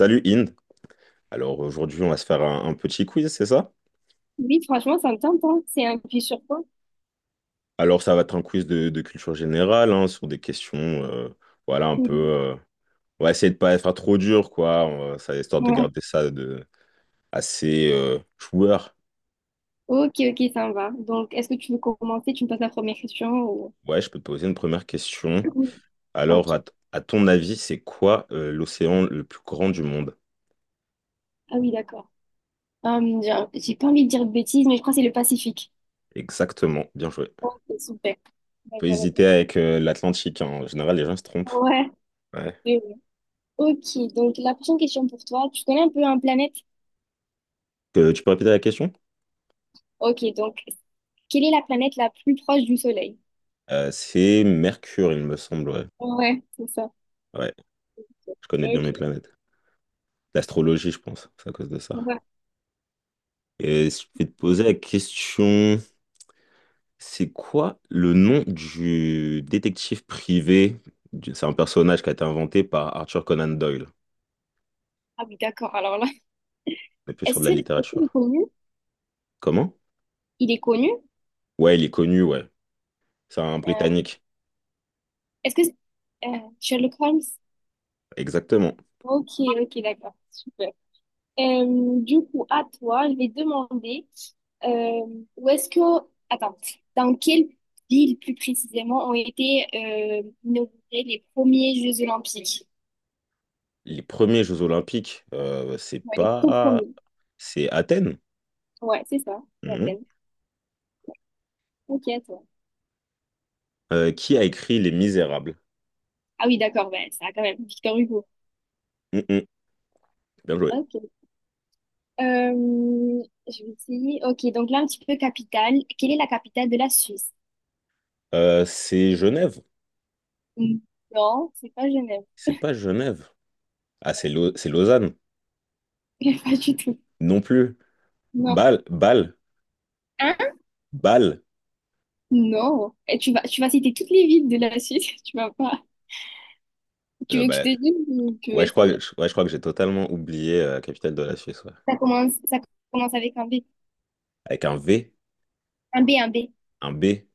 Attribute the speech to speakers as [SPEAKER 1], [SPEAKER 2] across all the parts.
[SPEAKER 1] Salut Inde. Alors aujourd'hui, on va se faire un petit quiz, c'est ça?
[SPEAKER 2] Oui, franchement, ça me tente, hein. C'est un puits sur quoi?
[SPEAKER 1] Alors ça va être un quiz de culture générale, hein, sur des questions, voilà, un peu.
[SPEAKER 2] Mhm.
[SPEAKER 1] On va essayer de pas être trop dur, quoi. Ça, histoire de
[SPEAKER 2] Ouais.
[SPEAKER 1] garder ça de assez joueur.
[SPEAKER 2] Ok, ok, ça me va. Donc, est-ce que tu veux commencer? Tu me poses la première question ou.
[SPEAKER 1] Ouais, je peux te poser une première question.
[SPEAKER 2] Mhm.
[SPEAKER 1] Alors, à,
[SPEAKER 2] Ok.
[SPEAKER 1] t- à ton avis, c'est quoi l'océan le plus grand du monde?
[SPEAKER 2] Ah oui, d'accord. J'ai pas envie de dire de bêtises, mais je crois que c'est le Pacifique.
[SPEAKER 1] Exactement. Bien joué.
[SPEAKER 2] Ok, super.
[SPEAKER 1] Faut
[SPEAKER 2] D'accord, d'accord.
[SPEAKER 1] hésiter avec l'Atlantique, hein. En général, les gens se trompent.
[SPEAKER 2] Ouais.
[SPEAKER 1] Ouais.
[SPEAKER 2] Oui, oui. Ok, donc la prochaine question pour toi. Tu connais un peu un planète?
[SPEAKER 1] Tu peux répéter la question?
[SPEAKER 2] Ok, donc, quelle est la planète la plus proche du Soleil?
[SPEAKER 1] C'est Mercure, il me semble. Ouais.
[SPEAKER 2] Ouais, c'est ça.
[SPEAKER 1] Ouais. Je connais bien
[SPEAKER 2] Ok.
[SPEAKER 1] mes planètes. L'astrologie, je pense, c'est à cause de ça.
[SPEAKER 2] Ouais.
[SPEAKER 1] Et je vais te poser la question, c'est quoi le nom du détective privé? C'est un personnage qui a été inventé par Arthur Conan Doyle.
[SPEAKER 2] Ah oui, d'accord. Alors là,
[SPEAKER 1] On est plus sur
[SPEAKER 2] est-ce
[SPEAKER 1] de la
[SPEAKER 2] que, est-ce que le
[SPEAKER 1] littérature.
[SPEAKER 2] connu,
[SPEAKER 1] Comment?
[SPEAKER 2] il est connu?
[SPEAKER 1] Ouais, il est connu, ouais. C'est un
[SPEAKER 2] Euh,
[SPEAKER 1] Britannique.
[SPEAKER 2] Est-ce que c'est- Sherlock Holmes?
[SPEAKER 1] Exactement.
[SPEAKER 2] Ok, ok, d'accord, super. Du coup, à toi, je vais demander où est-ce que. Attends, dans quelle ville plus précisément ont été inaugurés les premiers Jeux Olympiques?
[SPEAKER 1] Les premiers Jeux Olympiques, c'est
[SPEAKER 2] Ouais, les tout
[SPEAKER 1] pas...
[SPEAKER 2] premiers.
[SPEAKER 1] C'est Athènes.
[SPEAKER 2] Ouais, c'est ça, c'est
[SPEAKER 1] Mhm.
[SPEAKER 2] Athènes. Ok, à toi.
[SPEAKER 1] Qui a écrit Les Misérables?
[SPEAKER 2] Ah oui, d'accord, ben, ça a quand même, Victor Hugo.
[SPEAKER 1] Mhm. Bien joué.
[SPEAKER 2] Ok. Je vais essayer. Ok, donc là, un petit peu capitale. Quelle est la capitale de la Suisse?
[SPEAKER 1] C'est Genève.
[SPEAKER 2] Hmm. Non, c'est pas Genève.
[SPEAKER 1] C'est pas Genève. Ah, c'est Lausanne.
[SPEAKER 2] Pas du tout.
[SPEAKER 1] Non plus.
[SPEAKER 2] Non.
[SPEAKER 1] Bâle, Bâle,
[SPEAKER 2] Hein?
[SPEAKER 1] Bâle.
[SPEAKER 2] Non. Et tu vas citer toutes les villes de la Suisse. Tu vas pas. Tu
[SPEAKER 1] Euh,
[SPEAKER 2] veux que je
[SPEAKER 1] bah,
[SPEAKER 2] te dise ou tu veux
[SPEAKER 1] ouais, je crois,
[SPEAKER 2] essayer?
[SPEAKER 1] ouais, je crois que j'ai totalement oublié la capitale de la Suisse, ouais.
[SPEAKER 2] Ça commence avec un B.
[SPEAKER 1] Avec un V,
[SPEAKER 2] Un B, un B.
[SPEAKER 1] un B.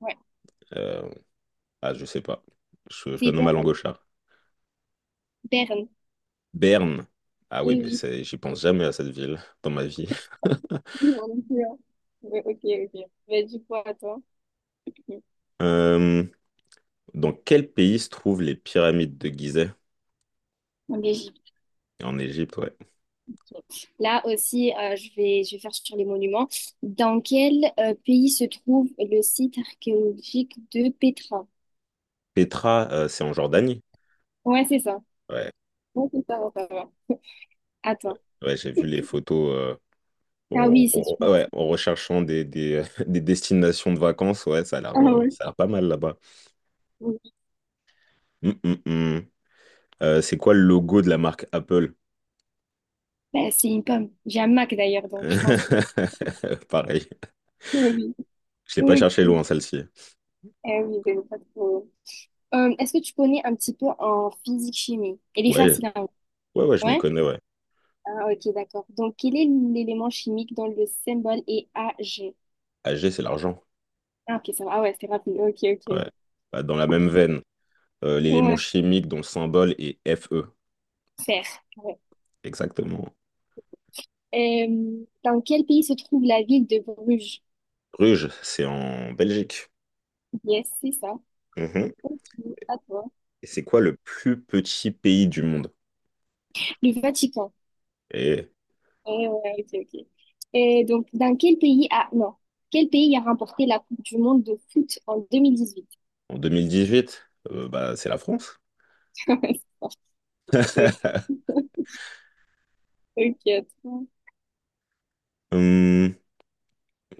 [SPEAKER 2] Ouais.
[SPEAKER 1] euh, ah, je sais pas. Je
[SPEAKER 2] C'est
[SPEAKER 1] donne ma langue au
[SPEAKER 2] Berne.
[SPEAKER 1] chat.
[SPEAKER 2] Berne.
[SPEAKER 1] Berne. Ah oui,
[SPEAKER 2] Eh
[SPEAKER 1] mais
[SPEAKER 2] oui.
[SPEAKER 1] c'est, j'y pense jamais à cette ville dans ma vie.
[SPEAKER 2] Oui, on est sûr. Ouais, ok, ok. Mais du coup, attends. Ok.
[SPEAKER 1] Euh, dans quel pays se trouvent les pyramides de Gizeh?
[SPEAKER 2] En Belgique.
[SPEAKER 1] En Égypte, ouais.
[SPEAKER 2] Ok. Là aussi, je vais faire sur les monuments. Dans quel pays se trouve le site archéologique de Petra?
[SPEAKER 1] Petra, c'est en Jordanie?
[SPEAKER 2] Ouais, c'est ça.
[SPEAKER 1] Ouais,
[SPEAKER 2] Ouais, c'est ça, ça va. Attends.
[SPEAKER 1] ouais, j'ai vu les photos. euh,
[SPEAKER 2] Ah
[SPEAKER 1] En,
[SPEAKER 2] oui, c'est
[SPEAKER 1] en-
[SPEAKER 2] super.
[SPEAKER 1] ouais, en recherchant des des destinations de vacances, ouais, ça a
[SPEAKER 2] Ah
[SPEAKER 1] l'air euh,
[SPEAKER 2] ouais.
[SPEAKER 1] ça a l'air pas mal là-bas. Hum, hum, hum. C'est quoi le logo de la marque Apple?
[SPEAKER 2] Bah, c'est une pomme. J'ai un Mac d'ailleurs, donc je pense.
[SPEAKER 1] Pareil.
[SPEAKER 2] Oui,
[SPEAKER 1] Je l'ai pas
[SPEAKER 2] oui.
[SPEAKER 1] cherché
[SPEAKER 2] Ok.
[SPEAKER 1] loin, celle-ci.
[SPEAKER 2] Eh oui, ben, pas trop. Est-ce que tu connais un petit peu en physique-chimie? Elle est
[SPEAKER 1] Ouais,
[SPEAKER 2] facile, hein.
[SPEAKER 1] ouais, ouais, je m'y
[SPEAKER 2] Ouais?
[SPEAKER 1] connais, ouais.
[SPEAKER 2] Ah, ok, d'accord. Donc, quel est l'élément chimique dont le symbole est Ag?
[SPEAKER 1] AG, c'est l'argent.
[SPEAKER 2] Ah, ok, ça va. Ah ouais, c'est rapide. Ok, ok,
[SPEAKER 1] Ouais.
[SPEAKER 2] ok.
[SPEAKER 1] Bah, dans la même veine, l'élément
[SPEAKER 2] Ouais,
[SPEAKER 1] chimique dont le symbole est Fe.
[SPEAKER 2] fer. Ouais.
[SPEAKER 1] Exactement.
[SPEAKER 2] Dans quel pays se trouve la ville de Bruges?
[SPEAKER 1] Bruges, c'est en Belgique.
[SPEAKER 2] Yes, c'est ça.
[SPEAKER 1] Mhm.
[SPEAKER 2] Ok, à toi.
[SPEAKER 1] Et c'est quoi le plus petit pays du monde?
[SPEAKER 2] Le Vatican.
[SPEAKER 1] Et
[SPEAKER 2] Ouais, ouais, ok, ok. Et donc, dans quel pays a. Non. Quel pays a remporté la Coupe du monde de foot en 2018.
[SPEAKER 1] en 2018, bah, c'est la France.
[SPEAKER 2] Ok, attends.
[SPEAKER 1] Hum,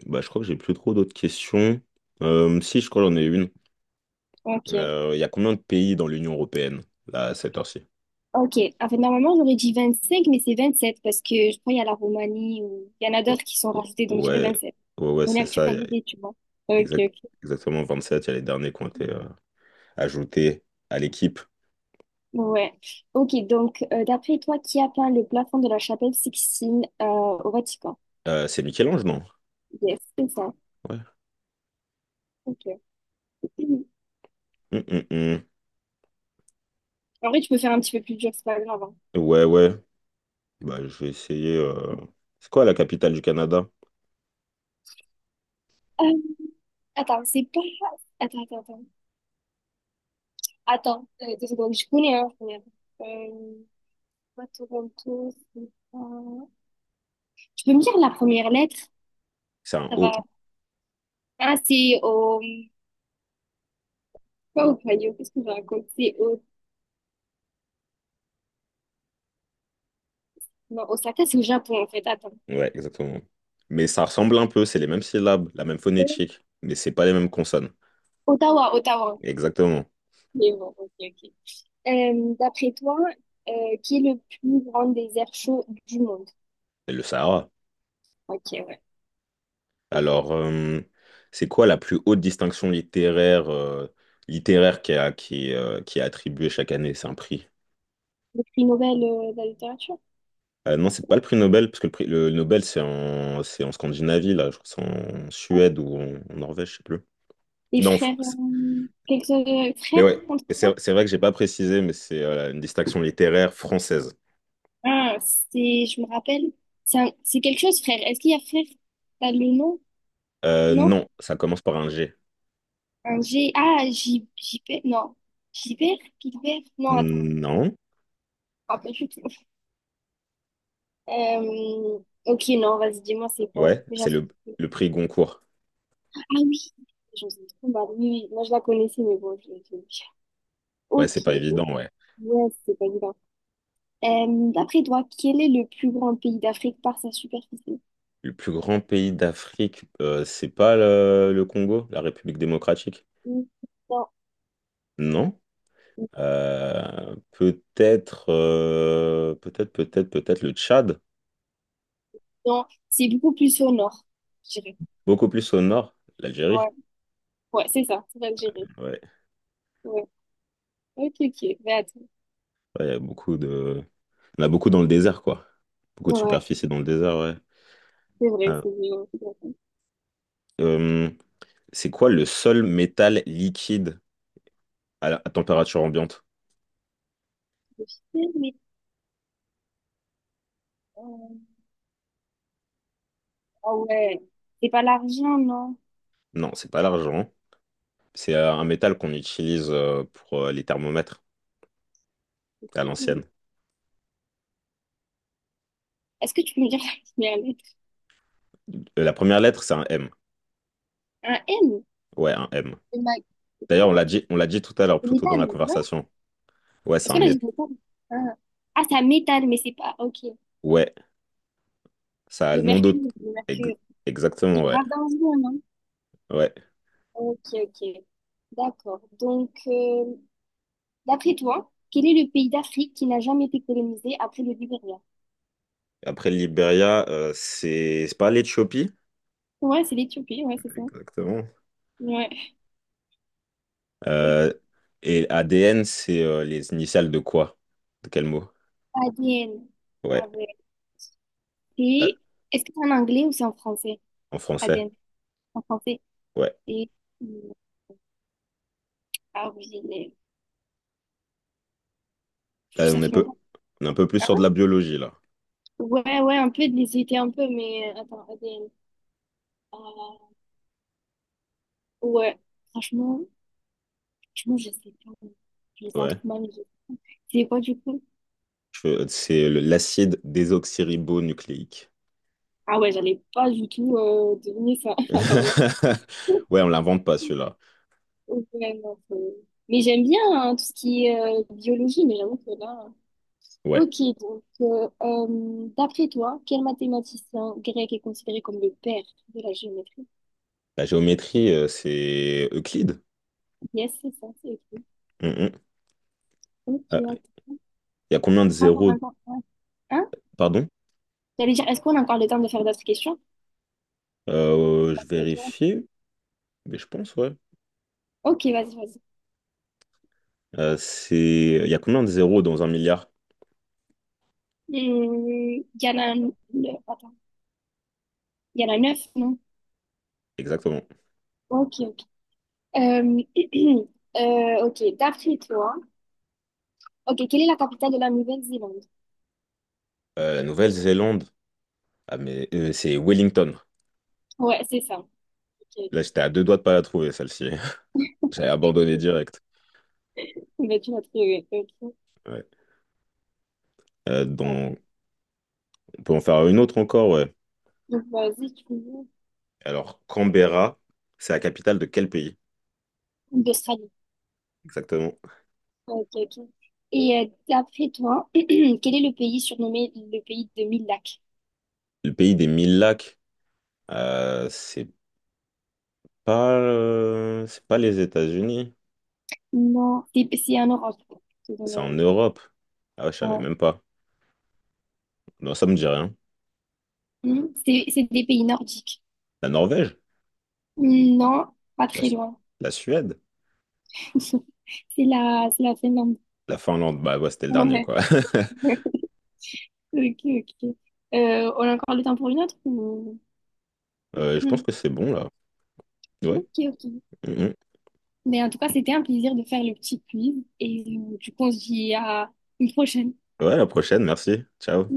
[SPEAKER 1] bah, je crois que j'ai plus trop d'autres questions. Si, je crois que j'en ai une.
[SPEAKER 2] Ok.
[SPEAKER 1] Il y a combien de pays dans l'Union européenne, là, à cette heure-ci?
[SPEAKER 2] Ok. En fait, normalement, j'aurais dit 25 mais c'est 27 parce que je crois qu'il y a la Roumanie ou il y en a
[SPEAKER 1] Ouais,
[SPEAKER 2] d'autres qui sont rajoutés, donc je dirais
[SPEAKER 1] ouais,
[SPEAKER 2] sept.
[SPEAKER 1] ouais, ouais,
[SPEAKER 2] On est
[SPEAKER 1] c'est ça. Il y a
[SPEAKER 2] actualisé, tu vois. Ok,
[SPEAKER 1] exact-
[SPEAKER 2] ok.
[SPEAKER 1] exactement 27. Il y a les derniers qui ont été ajoutés à l'équipe.
[SPEAKER 2] Ouais. Ok, donc, d'après toi, qui a peint le plafond de la chapelle Sixtine au Vatican?
[SPEAKER 1] C'est Michel-Ange, non?
[SPEAKER 2] Yes, c'est ça.
[SPEAKER 1] Ouais.
[SPEAKER 2] Ok.
[SPEAKER 1] Hum, hum, hum.
[SPEAKER 2] En vrai, tu peux faire un petit peu plus dur, c'est pas grave, hein.
[SPEAKER 1] Ouais, ouais. Bah, je vais essayer. C'est quoi la capitale du Canada?
[SPEAKER 2] Euh, attends, c'est pas. Attends, attends, attends. Attends, 2 secondes, je connais un. Je connais un. Pas Toronto, c'est pas. Tu peux me dire la première lettre?
[SPEAKER 1] C'est un
[SPEAKER 2] Ça va.
[SPEAKER 1] O.
[SPEAKER 2] Ah, c'est au. Pas au Ohio, qu'est-ce que je raconte? C'est au. Non, Osaka, c'est au Japon, en fait. Attends.
[SPEAKER 1] Ouais, exactement. Mais ça ressemble un peu. C'est les mêmes syllabes, la même
[SPEAKER 2] Ouais.
[SPEAKER 1] phonétique, mais c'est pas les mêmes consonnes.
[SPEAKER 2] Ottawa, Ottawa.
[SPEAKER 1] Exactement.
[SPEAKER 2] Mais bon, ok, ok. D'après toi, qui est le plus grand désert chaud du monde?
[SPEAKER 1] C'est le Sahara.
[SPEAKER 2] Ok, ouais. Ok.
[SPEAKER 1] Alors, c'est quoi la plus haute distinction littéraire qui est attribuée chaque année? C'est un prix.
[SPEAKER 2] Le prix Nobel de la littérature?
[SPEAKER 1] Non, c'est pas le prix Nobel, parce que le prix le Nobel, c'est en Scandinavie, là. Je crois que c'est en Suède ou en Norvège, je sais plus.
[SPEAKER 2] Les
[SPEAKER 1] Non, en
[SPEAKER 2] frères,
[SPEAKER 1] France.
[SPEAKER 2] quelque chose,
[SPEAKER 1] Mais
[SPEAKER 2] frère,
[SPEAKER 1] ouais,
[SPEAKER 2] on dit
[SPEAKER 1] c'est
[SPEAKER 2] ça.
[SPEAKER 1] c'est vrai que j'ai pas précisé, mais c'est une distinction littéraire française.
[SPEAKER 2] Ah, c'est, je me rappelle, c'est quelque chose, frère. Est-ce qu'il y a frère? T'as le nom?
[SPEAKER 1] Euh,
[SPEAKER 2] Non?
[SPEAKER 1] non, ça commence par un G.
[SPEAKER 2] Un G, ah, J, J, non. Gilbert, Gilbert, non, attends,
[SPEAKER 1] Non,
[SPEAKER 2] je me rappelle plus trop. Euh, ok, non, vas-y, dis-moi, c'est bon.
[SPEAKER 1] ouais,
[SPEAKER 2] Mais
[SPEAKER 1] c'est
[SPEAKER 2] j'en sais
[SPEAKER 1] le,
[SPEAKER 2] plus.
[SPEAKER 1] le prix Goncourt.
[SPEAKER 2] Ah oui, j'en sais trop mal. Oui, oui, moi je la connaissais, mais bon, je l'ai je.
[SPEAKER 1] Ouais, c'est
[SPEAKER 2] Ok,
[SPEAKER 1] pas évident, ouais.
[SPEAKER 2] yes, c'est pas grave. D'après toi, quel est le plus grand pays d'Afrique par sa superficie?
[SPEAKER 1] Le plus grand pays d'Afrique, c'est pas le Congo, la République démocratique?
[SPEAKER 2] Hmm, Non.
[SPEAKER 1] Non. Peut-être, peut-être, peut-être, peut-être le Tchad,
[SPEAKER 2] Non, c'est beaucoup plus au nord, je dirais.
[SPEAKER 1] beaucoup plus au nord, l'Algérie.
[SPEAKER 2] Ouais, ouais, c'est ça, c'est l'Algérie.
[SPEAKER 1] Ouais,
[SPEAKER 2] Ouais. Ok, ok, mais attends.
[SPEAKER 1] ouais, il y a beaucoup de... On a beaucoup dans le désert, quoi. Beaucoup de
[SPEAKER 2] Ouais,
[SPEAKER 1] superficie dans le désert, ouais.
[SPEAKER 2] c'est vrai,
[SPEAKER 1] Ah,
[SPEAKER 2] c'est vrai. Ouais, c'est vrai.
[SPEAKER 1] euh, c'est quoi le seul métal liquide à température ambiante?
[SPEAKER 2] Je sais. Mais, euh, ah ouais, c'est pas l'argent, non.
[SPEAKER 1] Non, c'est pas l'argent. C'est un métal qu'on utilise pour les thermomètres, à l'ancienne.
[SPEAKER 2] Est-ce que tu peux me dire la première lettre?
[SPEAKER 1] La première lettre, c'est un M.
[SPEAKER 2] Un M?
[SPEAKER 1] Ouais, un M.
[SPEAKER 2] Le mag-
[SPEAKER 1] D'ailleurs, on l'a dit tout à l'heure,
[SPEAKER 2] le
[SPEAKER 1] plutôt dans la
[SPEAKER 2] métal, non?
[SPEAKER 1] conversation. Ouais,
[SPEAKER 2] Est-ce qu'on a dit métal? Ah, Ah, c'est un métal, mais c'est pas, ok.
[SPEAKER 1] Ouais, ça a
[SPEAKER 2] Le
[SPEAKER 1] le nom
[SPEAKER 2] mercure,
[SPEAKER 1] d'autre.
[SPEAKER 2] le
[SPEAKER 1] Ex-
[SPEAKER 2] mercure.
[SPEAKER 1] Exactement,
[SPEAKER 2] C'est
[SPEAKER 1] ouais.
[SPEAKER 2] grave dangereux, non?
[SPEAKER 1] Ouais.
[SPEAKER 2] Ok, ok. D'accord. Donc, d'après toi, quel est le pays d'Afrique qui n'a jamais été colonisé après le Libéria?
[SPEAKER 1] Après, le Liberia, c'est pas l'Éthiopie.
[SPEAKER 2] Ouais, c'est l'Éthiopie, ouais, c'est ça.
[SPEAKER 1] Exactement.
[SPEAKER 2] Ouais. Le
[SPEAKER 1] Euh, et ADN, c'est les initiales de quoi? De quel mot?
[SPEAKER 2] ADN. Ah
[SPEAKER 1] Ouais,
[SPEAKER 2] ouais.
[SPEAKER 1] là,
[SPEAKER 2] Et est-ce que c'est en anglais ou c'est en français?
[SPEAKER 1] en français.
[SPEAKER 2] ADN. En français.
[SPEAKER 1] Ouais.
[SPEAKER 2] Et euh, ah oui,
[SPEAKER 1] Là,
[SPEAKER 2] ça fait longtemps.
[SPEAKER 1] on est un peu plus
[SPEAKER 2] Hein.
[SPEAKER 1] sur de la biologie, là.
[SPEAKER 2] Ouais, ouais, un peu, j'hésitais un peu, mais attends, ADN. Euh, ouais, Franchement, franchement, je sais pas. Je faisais un
[SPEAKER 1] Ouais.
[SPEAKER 2] truc mal. C'est quoi du coup?
[SPEAKER 1] C'est l'acide désoxyribonucléique.
[SPEAKER 2] Ah ouais, j'allais pas du tout deviner ça. Alors là.
[SPEAKER 1] Ouais, on l'invente pas celui-là.
[SPEAKER 2] Ouais, non, mais j'aime bien, hein, tout ce qui est biologie, mais j'avoue que là.
[SPEAKER 1] Ouais.
[SPEAKER 2] Ok, donc, d'après toi, quel mathématicien grec est considéré comme le père de la géométrie?
[SPEAKER 1] La géométrie, c'est Euclide.
[SPEAKER 2] Yes, c'est ça, c'est écrit.
[SPEAKER 1] Mmh, mmh.
[SPEAKER 2] Ok,
[SPEAKER 1] Ah,
[SPEAKER 2] attends,
[SPEAKER 1] il y a combien de zéros?
[SPEAKER 2] ouais. Hein?
[SPEAKER 1] Pardon?
[SPEAKER 2] J'allais dire, est-ce qu'on a encore le temps de faire d'autres questions?
[SPEAKER 1] Je
[SPEAKER 2] Après toi.
[SPEAKER 1] vérifie, mais je pense, ouais.
[SPEAKER 2] Ok, vas-y, vas-y.
[SPEAKER 1] Il y a combien de zéros dans un milliard?
[SPEAKER 2] Il y en a, attends, il y en a neuf, non?
[SPEAKER 1] Exactement.
[SPEAKER 2] Ok, ok. Euh, ok, d'après toi, ok, quelle est la capitale de la Nouvelle-Zélande?
[SPEAKER 1] La Nouvelle-Zélande. Ah, mais c'est Wellington.
[SPEAKER 2] Ouais, c'est ça. Ok.
[SPEAKER 1] Là,
[SPEAKER 2] Ok.
[SPEAKER 1] j'étais à deux doigts de pas la trouver, celle-ci. J'avais abandonné direct.
[SPEAKER 2] Mais tu l'as trouvé. Ok.
[SPEAKER 1] Ouais. Euh,
[SPEAKER 2] Ah,
[SPEAKER 1] donc, on peut en faire une autre encore, ouais.
[SPEAKER 2] donc, vas-y, tu veux.
[SPEAKER 1] Alors, Canberra, c'est la capitale de quel pays?
[SPEAKER 2] D'Australie.
[SPEAKER 1] Exactement.
[SPEAKER 2] Ok, ok. Et d'après toi, quel est le pays surnommé le pays de mille lacs?
[SPEAKER 1] Le pays des mille lacs. Euh, c'est c'est pas les États-Unis,
[SPEAKER 2] Non, c'est en Europe. Je te
[SPEAKER 1] c'est en
[SPEAKER 2] donne
[SPEAKER 1] Europe. Ah ouais, je savais
[SPEAKER 2] ouais.
[SPEAKER 1] même pas. Non, ça me dit rien.
[SPEAKER 2] C'est des pays nordiques.
[SPEAKER 1] La Norvège,
[SPEAKER 2] Non, pas
[SPEAKER 1] la,
[SPEAKER 2] très
[SPEAKER 1] Su-
[SPEAKER 2] loin.
[SPEAKER 1] la Suède,
[SPEAKER 2] C'est la Finlande.
[SPEAKER 1] la Finlande. Bah ouais, c'était le dernier
[SPEAKER 2] Ouais.
[SPEAKER 1] quoi.
[SPEAKER 2] Ok, ok. On a encore le temps pour une autre?
[SPEAKER 1] Je pense que c'est bon là. Ouais.
[SPEAKER 2] Ok, ok.
[SPEAKER 1] Mhm.
[SPEAKER 2] Mais en tout cas, c'était un plaisir de faire le petit quiz et du coup, on se dit à une prochaine.
[SPEAKER 1] Ouais, à la prochaine, merci. Ciao.